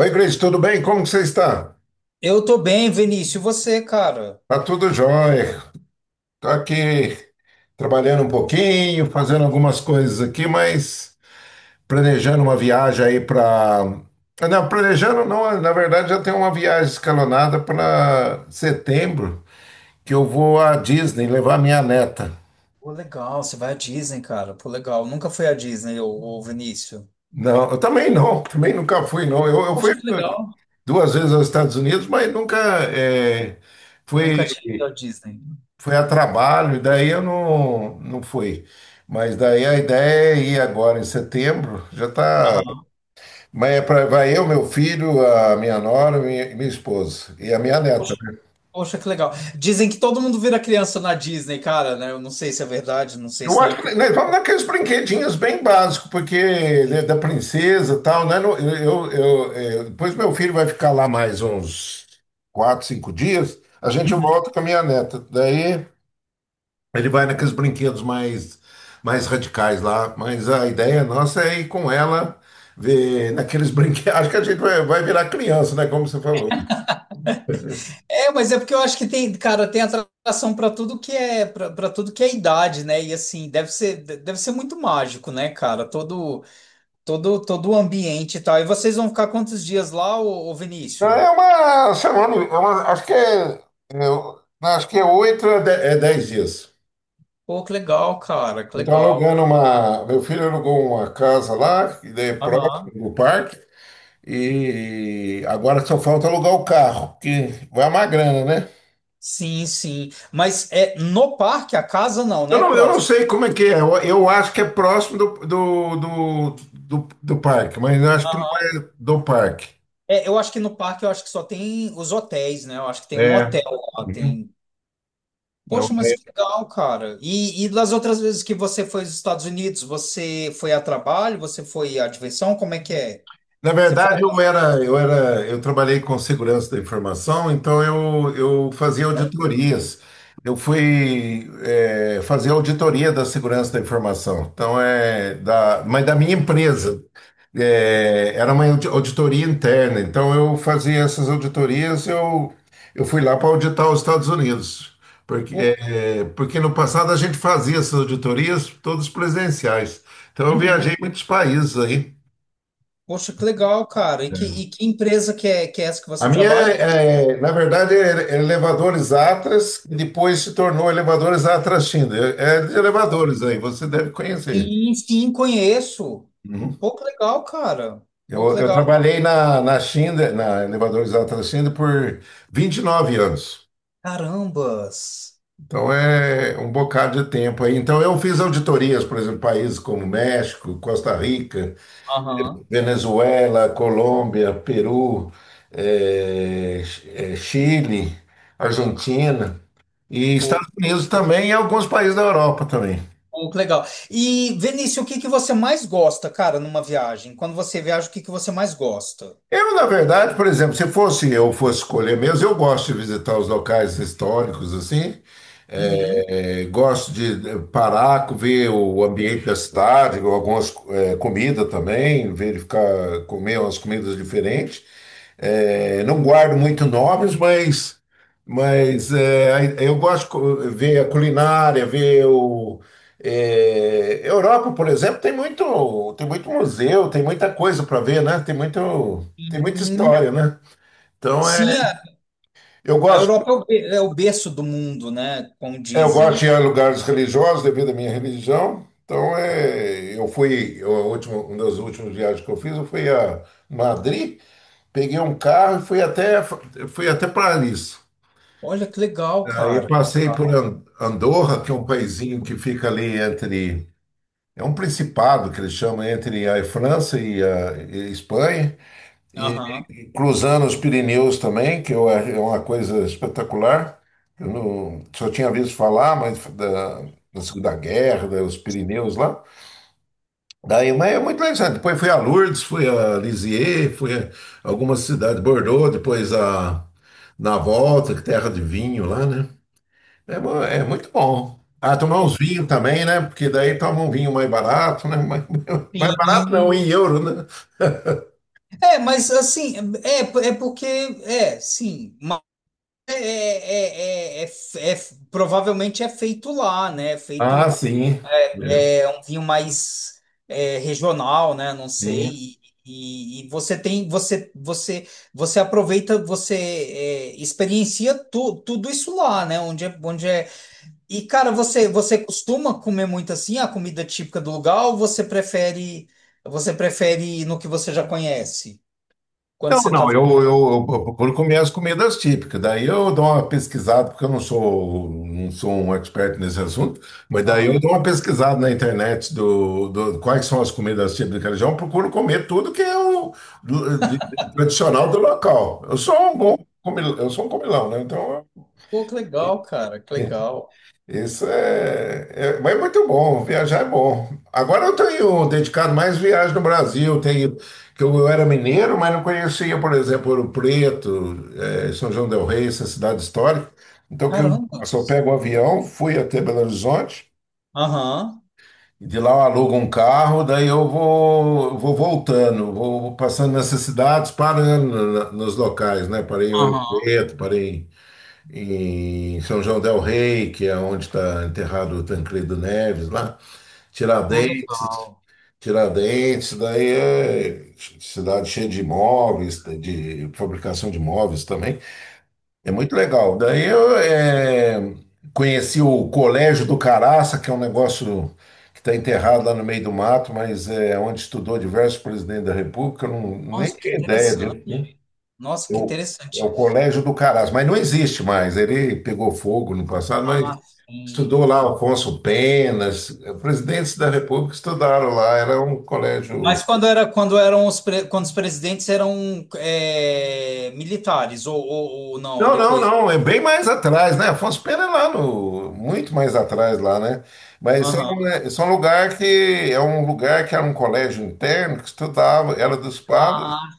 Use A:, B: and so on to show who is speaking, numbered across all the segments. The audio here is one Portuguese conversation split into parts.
A: Oi, Cris, tudo bem? Como que você está?
B: Eu tô bem, Vinícius. E você, cara?
A: Tá tudo jóia. Tô aqui trabalhando um pouquinho, fazendo algumas coisas aqui, mas planejando uma viagem aí para... Não, planejando não, na verdade já tem uma viagem escalonada para setembro, que eu vou à Disney levar minha neta.
B: Pô, legal. Você vai à Disney, cara. Pô, legal. Nunca fui à Disney, ô Vinícius.
A: Não, eu também não, também nunca fui não. Eu fui
B: Poxa, que legal.
A: duas vezes aos Estados Unidos, mas nunca eh, fui
B: Nunca tinha ido à Disney.
A: foi a trabalho, e daí eu não, não fui. Mas daí a ideia é ir agora em setembro, já tá.
B: Aham.
A: Mas é pra, vai eu, meu filho, a minha nora, minha esposa e a minha
B: Poxa,
A: neta, né?
B: Poxa, que legal. Dizem que todo mundo vira criança na Disney, cara, né? Eu não sei se é verdade, não sei
A: Eu
B: se não é
A: acho que
B: porque.
A: nós vamos naqueles brinquedinhos bem básicos, porque ele é da princesa e tal, né? Depois meu filho vai ficar lá mais uns 4, 5 dias, a gente
B: Uhum.
A: volta com a minha neta. Daí. Ele vai naqueles brinquedos mais radicais lá, mas a ideia nossa é ir com ela ver naqueles brinquedos. Acho que a gente vai virar criança, né? Como você falou.
B: É, mas é porque eu acho que tem, cara, tem atração pra tudo que é, para tudo que é idade, né? E assim, deve ser, deve ser muito mágico, né, cara? Todo, todo o ambiente e tal. E vocês vão ficar quantos dias lá, ô
A: Não,
B: Vinícius?
A: é uma semana, acho que é oito a de- é 10 dias.
B: Pô, que legal, cara, que
A: Então
B: legal.
A: meu filho alugou uma casa lá, que é
B: Aham.
A: próximo do parque, e agora só falta alugar o carro, que vai uma grana, né?
B: Sim, sim. Mas é no parque, a casa não,
A: Eu
B: né?
A: não, eu não
B: Próximo.
A: sei como é que é. Eu acho que é próximo do parque, mas eu acho que não
B: Aham.
A: é do parque.
B: É, eu acho que no parque eu acho que só tem os hotéis, né? Eu acho que tem um
A: É.
B: hotel lá,
A: Uhum.
B: tem.
A: Não,
B: Poxa, mas
A: é.
B: que legal, cara. E das outras vezes que você foi aos Estados Unidos, você foi a trabalho, você foi à diversão? Como é que é?
A: Na
B: Você foi
A: verdade,
B: a
A: eu era,
B: lazer?
A: eu era, eu trabalhei com segurança da informação, então eu fazia
B: Olha,
A: auditorias. Eu fui fazer auditoria da segurança da informação. Então é da, mas da minha empresa. Eh, era uma audi- auditoria interna. Então eu fazia essas auditorias. Eu fui lá para auditar os Estados Unidos, porque
B: pô,
A: eh, porque no passado a gente fazia essas auditorias todas presenciais. Então eu
B: uhum.
A: viajei muitos países aí.
B: Poxa, que legal, cara. E que empresa que é essa que
A: A
B: você
A: minha,
B: trabalha?
A: é, é, na verdade, é elevadores Atlas, e depois se tornou elevadores Atlas China. É de elevadores aí, você deve conhecer.
B: Sim, sim, conheço.
A: Uhum.
B: Pô, que legal, cara. Pô, que
A: Eu
B: legal.
A: trabalhei na China, na elevadores Atlas China, por 29 anos.
B: Carambas.
A: Então é um bocado de tempo aí. Então eu fiz auditorias, por exemplo, países como México, Costa Rica,
B: Aham.
A: Venezuela, Colômbia, Peru, é, Chile, Argentina. E Estados
B: Pô,
A: Unidos também e alguns países da Europa também.
B: pô, que legal. E, Vinícius, o que que você mais gosta, cara, numa viagem? Quando você viaja, o que que você mais gosta?
A: Eu, na verdade, por exemplo, se fosse eu fosse escolher mesmo, eu gosto de visitar os locais históricos assim.
B: Uhum.
A: Eu gosto de parar, ver o ambiente da cidade, algumas comidas também, verificar, comer umas comidas diferentes. Eh, não guardo muito nomes, mas, eu gosto de ver a culinária, ver o. Europa, por exemplo, tem muito museu, tem muita coisa para ver, né? Tem muita
B: Hum,
A: história, né? Então,
B: sim, a,
A: eu
B: a
A: gosto.
B: Europa é o, é o berço do mundo, né? Como
A: É, eu
B: dizem,
A: gosto
B: né?
A: de ir a lugares religiosos devido à minha religião. Então, é, eu fui, eu, a última, uma das últimas viagens que eu fiz, eu fui a Madrid, peguei um carro e fui até Paris.
B: Olha que legal,
A: Aí eu
B: cara.
A: passei por An- Andorra, que é um paizinho que fica ali é um principado que eles chamam entre a França e a Espanha. E
B: Aham.
A: cruzando os Pirineus também, que eu, é uma coisa espetacular. Eu não, só tinha visto falar, mas da Segunda Guerra, dos Pirineus lá. Daí, mas é muito interessante. Depois fui a Lourdes, fui a Lisieux, fui a algumas cidades, Bordeaux, depois a, na volta, que é terra de vinho lá, né? É, é muito bom. Ah, tomar uns vinhos também, né? Porque daí toma um vinho mais barato, né? Mais, mais barato não,
B: Sim.
A: em euro, né?
B: É, mas assim, é, é porque, é, sim. É, provavelmente é feito lá, né? É
A: Ah,
B: feito
A: sim. É.
B: é, um vinho mais é, regional, né? Não
A: Sim.
B: sei. E você tem, você, você aproveita, você é, experiencia tudo isso lá, né? Onde é, onde é. E cara, você costuma comer muito assim a comida típica do lugar ou você prefere no que você já conhece? Quando
A: Não,
B: você tá.
A: não, eu procuro comer as comidas típicas. Daí eu dou uma pesquisada, porque eu não sou um expert nesse assunto, mas daí eu
B: Aham.
A: dou uma pesquisada na internet do, quais são as comidas típicas da região, procuro comer tudo que é o do- de- tradicional do local. Eu sou um bom
B: Pô,
A: comilão, eu sou um comilão, né? Então,
B: pô, que
A: eu-
B: legal, cara, que legal.
A: isso é, é- Mas é muito bom, viajar é bom. Agora eu tenho dedicado mais viagem no Brasil. Tenho, que eu era mineiro, mas não conhecia, por exemplo, Ouro Preto, eh, São João del Rei, essa cidade histórica. Então que eu
B: Caramba.
A: só pego o avião, fui até Belo Horizonte,
B: Aham.
A: e de lá eu alugo um carro, daí eu vou, vou voltando, vou passando nessas cidades, parando nos locais, né? Parei em Ouro
B: Aham,
A: Preto, parei em São João del Rei, que é onde está enterrado o Tancredo Neves, lá,
B: pô,
A: Tiradentes,
B: legal.
A: Tiradentes, daí é cidade cheia de imóveis, de fabricação de imóveis também. É muito legal. Daí eu conheci o Colégio do Caraça, que é um negócio que está enterrado lá no meio do mato, mas é onde estudou diversos presidentes da República, eu não, nem
B: Nossa, que
A: tinha ideia
B: interessante.
A: disso, né?
B: Nossa, que
A: Eu, é o
B: interessante.
A: Colégio do Caras, mas não existe mais. Ele pegou fogo no passado, mas
B: Ah, sim.
A: estudou lá Alfonso Penas, presidentes da República estudaram lá. Era um
B: Mas
A: colégio.
B: quando era quando eram os quando os presidentes eram é, militares ou não
A: Não, não,
B: depois.
A: não, é bem mais atrás, né? Afonso Pena é lá no. Muito mais atrás lá, né? Mas
B: Aham.
A: isso é um lugar que. É um lugar que era um colégio interno que estudava, era dos padres,
B: Ah,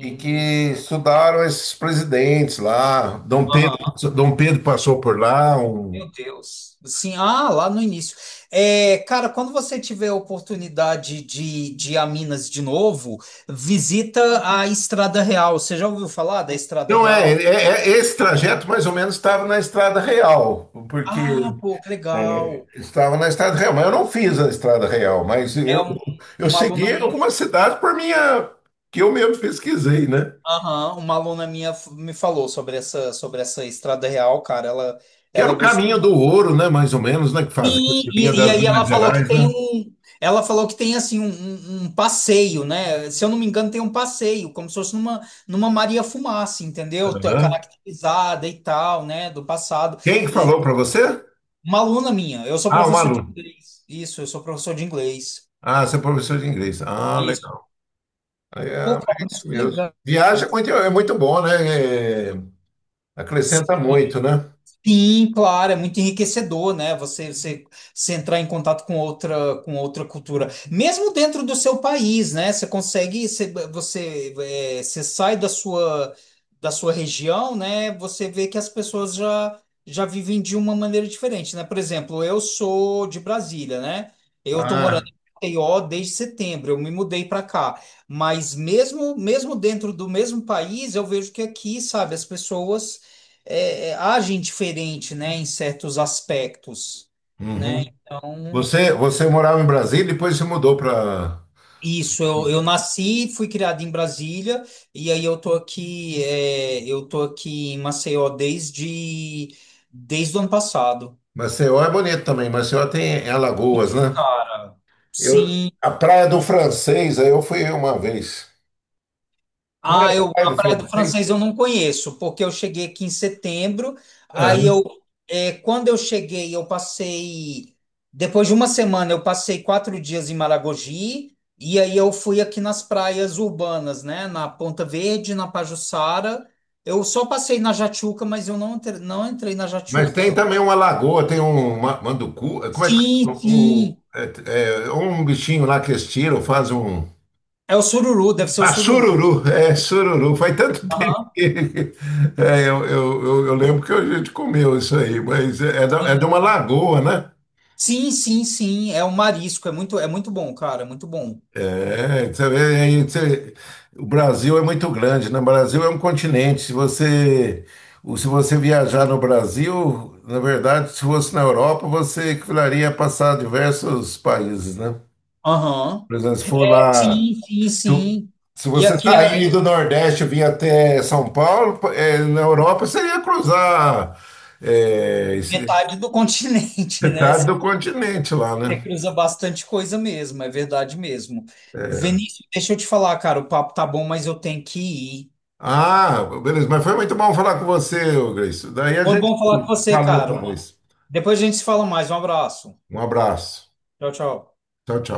A: e que estudaram esses presidentes lá. Dom
B: Aham,
A: Pedro, Dom Pedro passou por lá, um.
B: meu Deus. Sim, ah, lá no início. É, cara, quando você tiver a oportunidade de ir a Minas de novo, visita a Estrada Real. Você já ouviu falar da Estrada
A: Não é, é-
B: Real?
A: é- é, esse trajeto mais ou menos estava na estrada real, porque
B: Ah, pô, que legal.
A: estava na estrada real, mas eu não fiz a estrada real, mas
B: É um-
A: eu
B: uma aluna
A: segui
B: minha,
A: alguma cidade por minha, que eu mesmo pesquisei, né?
B: aham, uma aluna minha me falou sobre essa Estrada Real, cara.
A: Que era
B: Ela
A: o
B: gostou
A: caminho do
B: muito.
A: ouro, né? Mais ou menos, né? Que fazia, que
B: E,
A: vinha
B: e, e
A: das
B: aí
A: Minas
B: ela falou que
A: Gerais,
B: tem
A: né?
B: um, ela falou que tem assim um, um passeio, né? Se eu não me engano, tem um passeio, como se fosse numa Maria Fumaça, entendeu? Tá
A: Aham.
B: caracterizada e tal, né? Do passado.
A: Quem que
B: E
A: falou para você?
B: uma aluna minha. Eu sou
A: Ah, um
B: professor de
A: aluno.
B: inglês. Isso, eu sou professor de inglês.
A: Ah, você é professor de inglês. Ah,
B: Isso.
A: legal. É,
B: Pô,
A: é
B: cara, mas
A: isso
B: que
A: mesmo.
B: legal.
A: Viagem é muito bom, né? É, acrescenta muito, né?
B: Sim, claro, é muito enriquecedor, né? Você, você entrar em contato com outra cultura, mesmo dentro do seu país, né? Você consegue, você, é, você sai da sua região, né? Você vê que as pessoas já, já vivem de uma maneira diferente, né? Por exemplo, eu sou de Brasília, né? Eu tô morando
A: Ah,
B: em Maceió desde setembro, eu me mudei para cá, mas mesmo, mesmo dentro do mesmo país, eu vejo que aqui, sabe, as pessoas é, é, agem diferente, né, em certos aspectos, né?
A: uhum.
B: Então,
A: Você morava em Brasília, e depois se mudou para
B: isso, eu nasci, fui criado em Brasília, e aí eu tô aqui, é, eu tô aqui em Maceió desde, desde o ano passado.
A: Maceió, é bonito também. Maceió tem é Alagoas, né?
B: Cara,
A: Eu,
B: sim,
A: a Praia do Francês, aí eu fui uma vez. Não era
B: Ah,
A: a
B: eu,
A: Praia
B: a
A: do
B: Praia do Francês
A: Francês?
B: eu não conheço, porque eu cheguei aqui em setembro, aí
A: Aham.
B: eu, é, quando eu cheguei, eu passei, depois de uma semana, eu passei 4 dias em Maragogi, e aí eu fui aqui nas praias urbanas, né, na Ponta Verde, na Pajuçara, eu só passei na Jatiuca, mas eu não, não entrei na
A: Mas tem
B: Jatiuca.
A: também uma lagoa, tem um manducu, como é que
B: Sim,
A: um,
B: sim,
A: é, é, um bichinho lá que eles tiram, faz um.
B: é o sururu, deve ser o
A: Ah,
B: sururu.
A: sururu, é, sururu. Faz tanto tempo
B: Aham.
A: que. É, eu lembro que a gente comeu isso aí, mas é de uma lagoa, né?
B: Sim, sim, sim, é o marisco, é muito bom, cara, é muito bom.
A: É, você vê, aí o Brasil é muito grande, né? O Brasil é um continente. Se você viajar no Brasil, na verdade, se fosse na Europa, você precisaria passar diversos países, né?
B: Aham.
A: Por exemplo, se for lá,
B: Sim, sim,
A: tu-
B: sim.
A: se
B: E
A: você
B: aqui
A: sair
B: é
A: do Nordeste e vir até São Paulo, eh, na Europa, você ia cruzar, eh, esse-
B: metade do continente, né?
A: metade
B: Você
A: do continente lá, né?
B: cruza bastante coisa mesmo, é verdade mesmo.
A: É.
B: Vinícius, deixa eu te falar, cara, o papo tá bom, mas eu tenho que ir.
A: Ah, beleza, mas foi muito bom falar com você, ô Gleice. Daí a
B: Foi
A: gente.
B: bom falar com você,
A: Valeu, até
B: cara.
A: mais.
B: Depois a gente se fala mais. Um abraço.
A: Um abraço.
B: Tchau, tchau.
A: Tchau, tchau.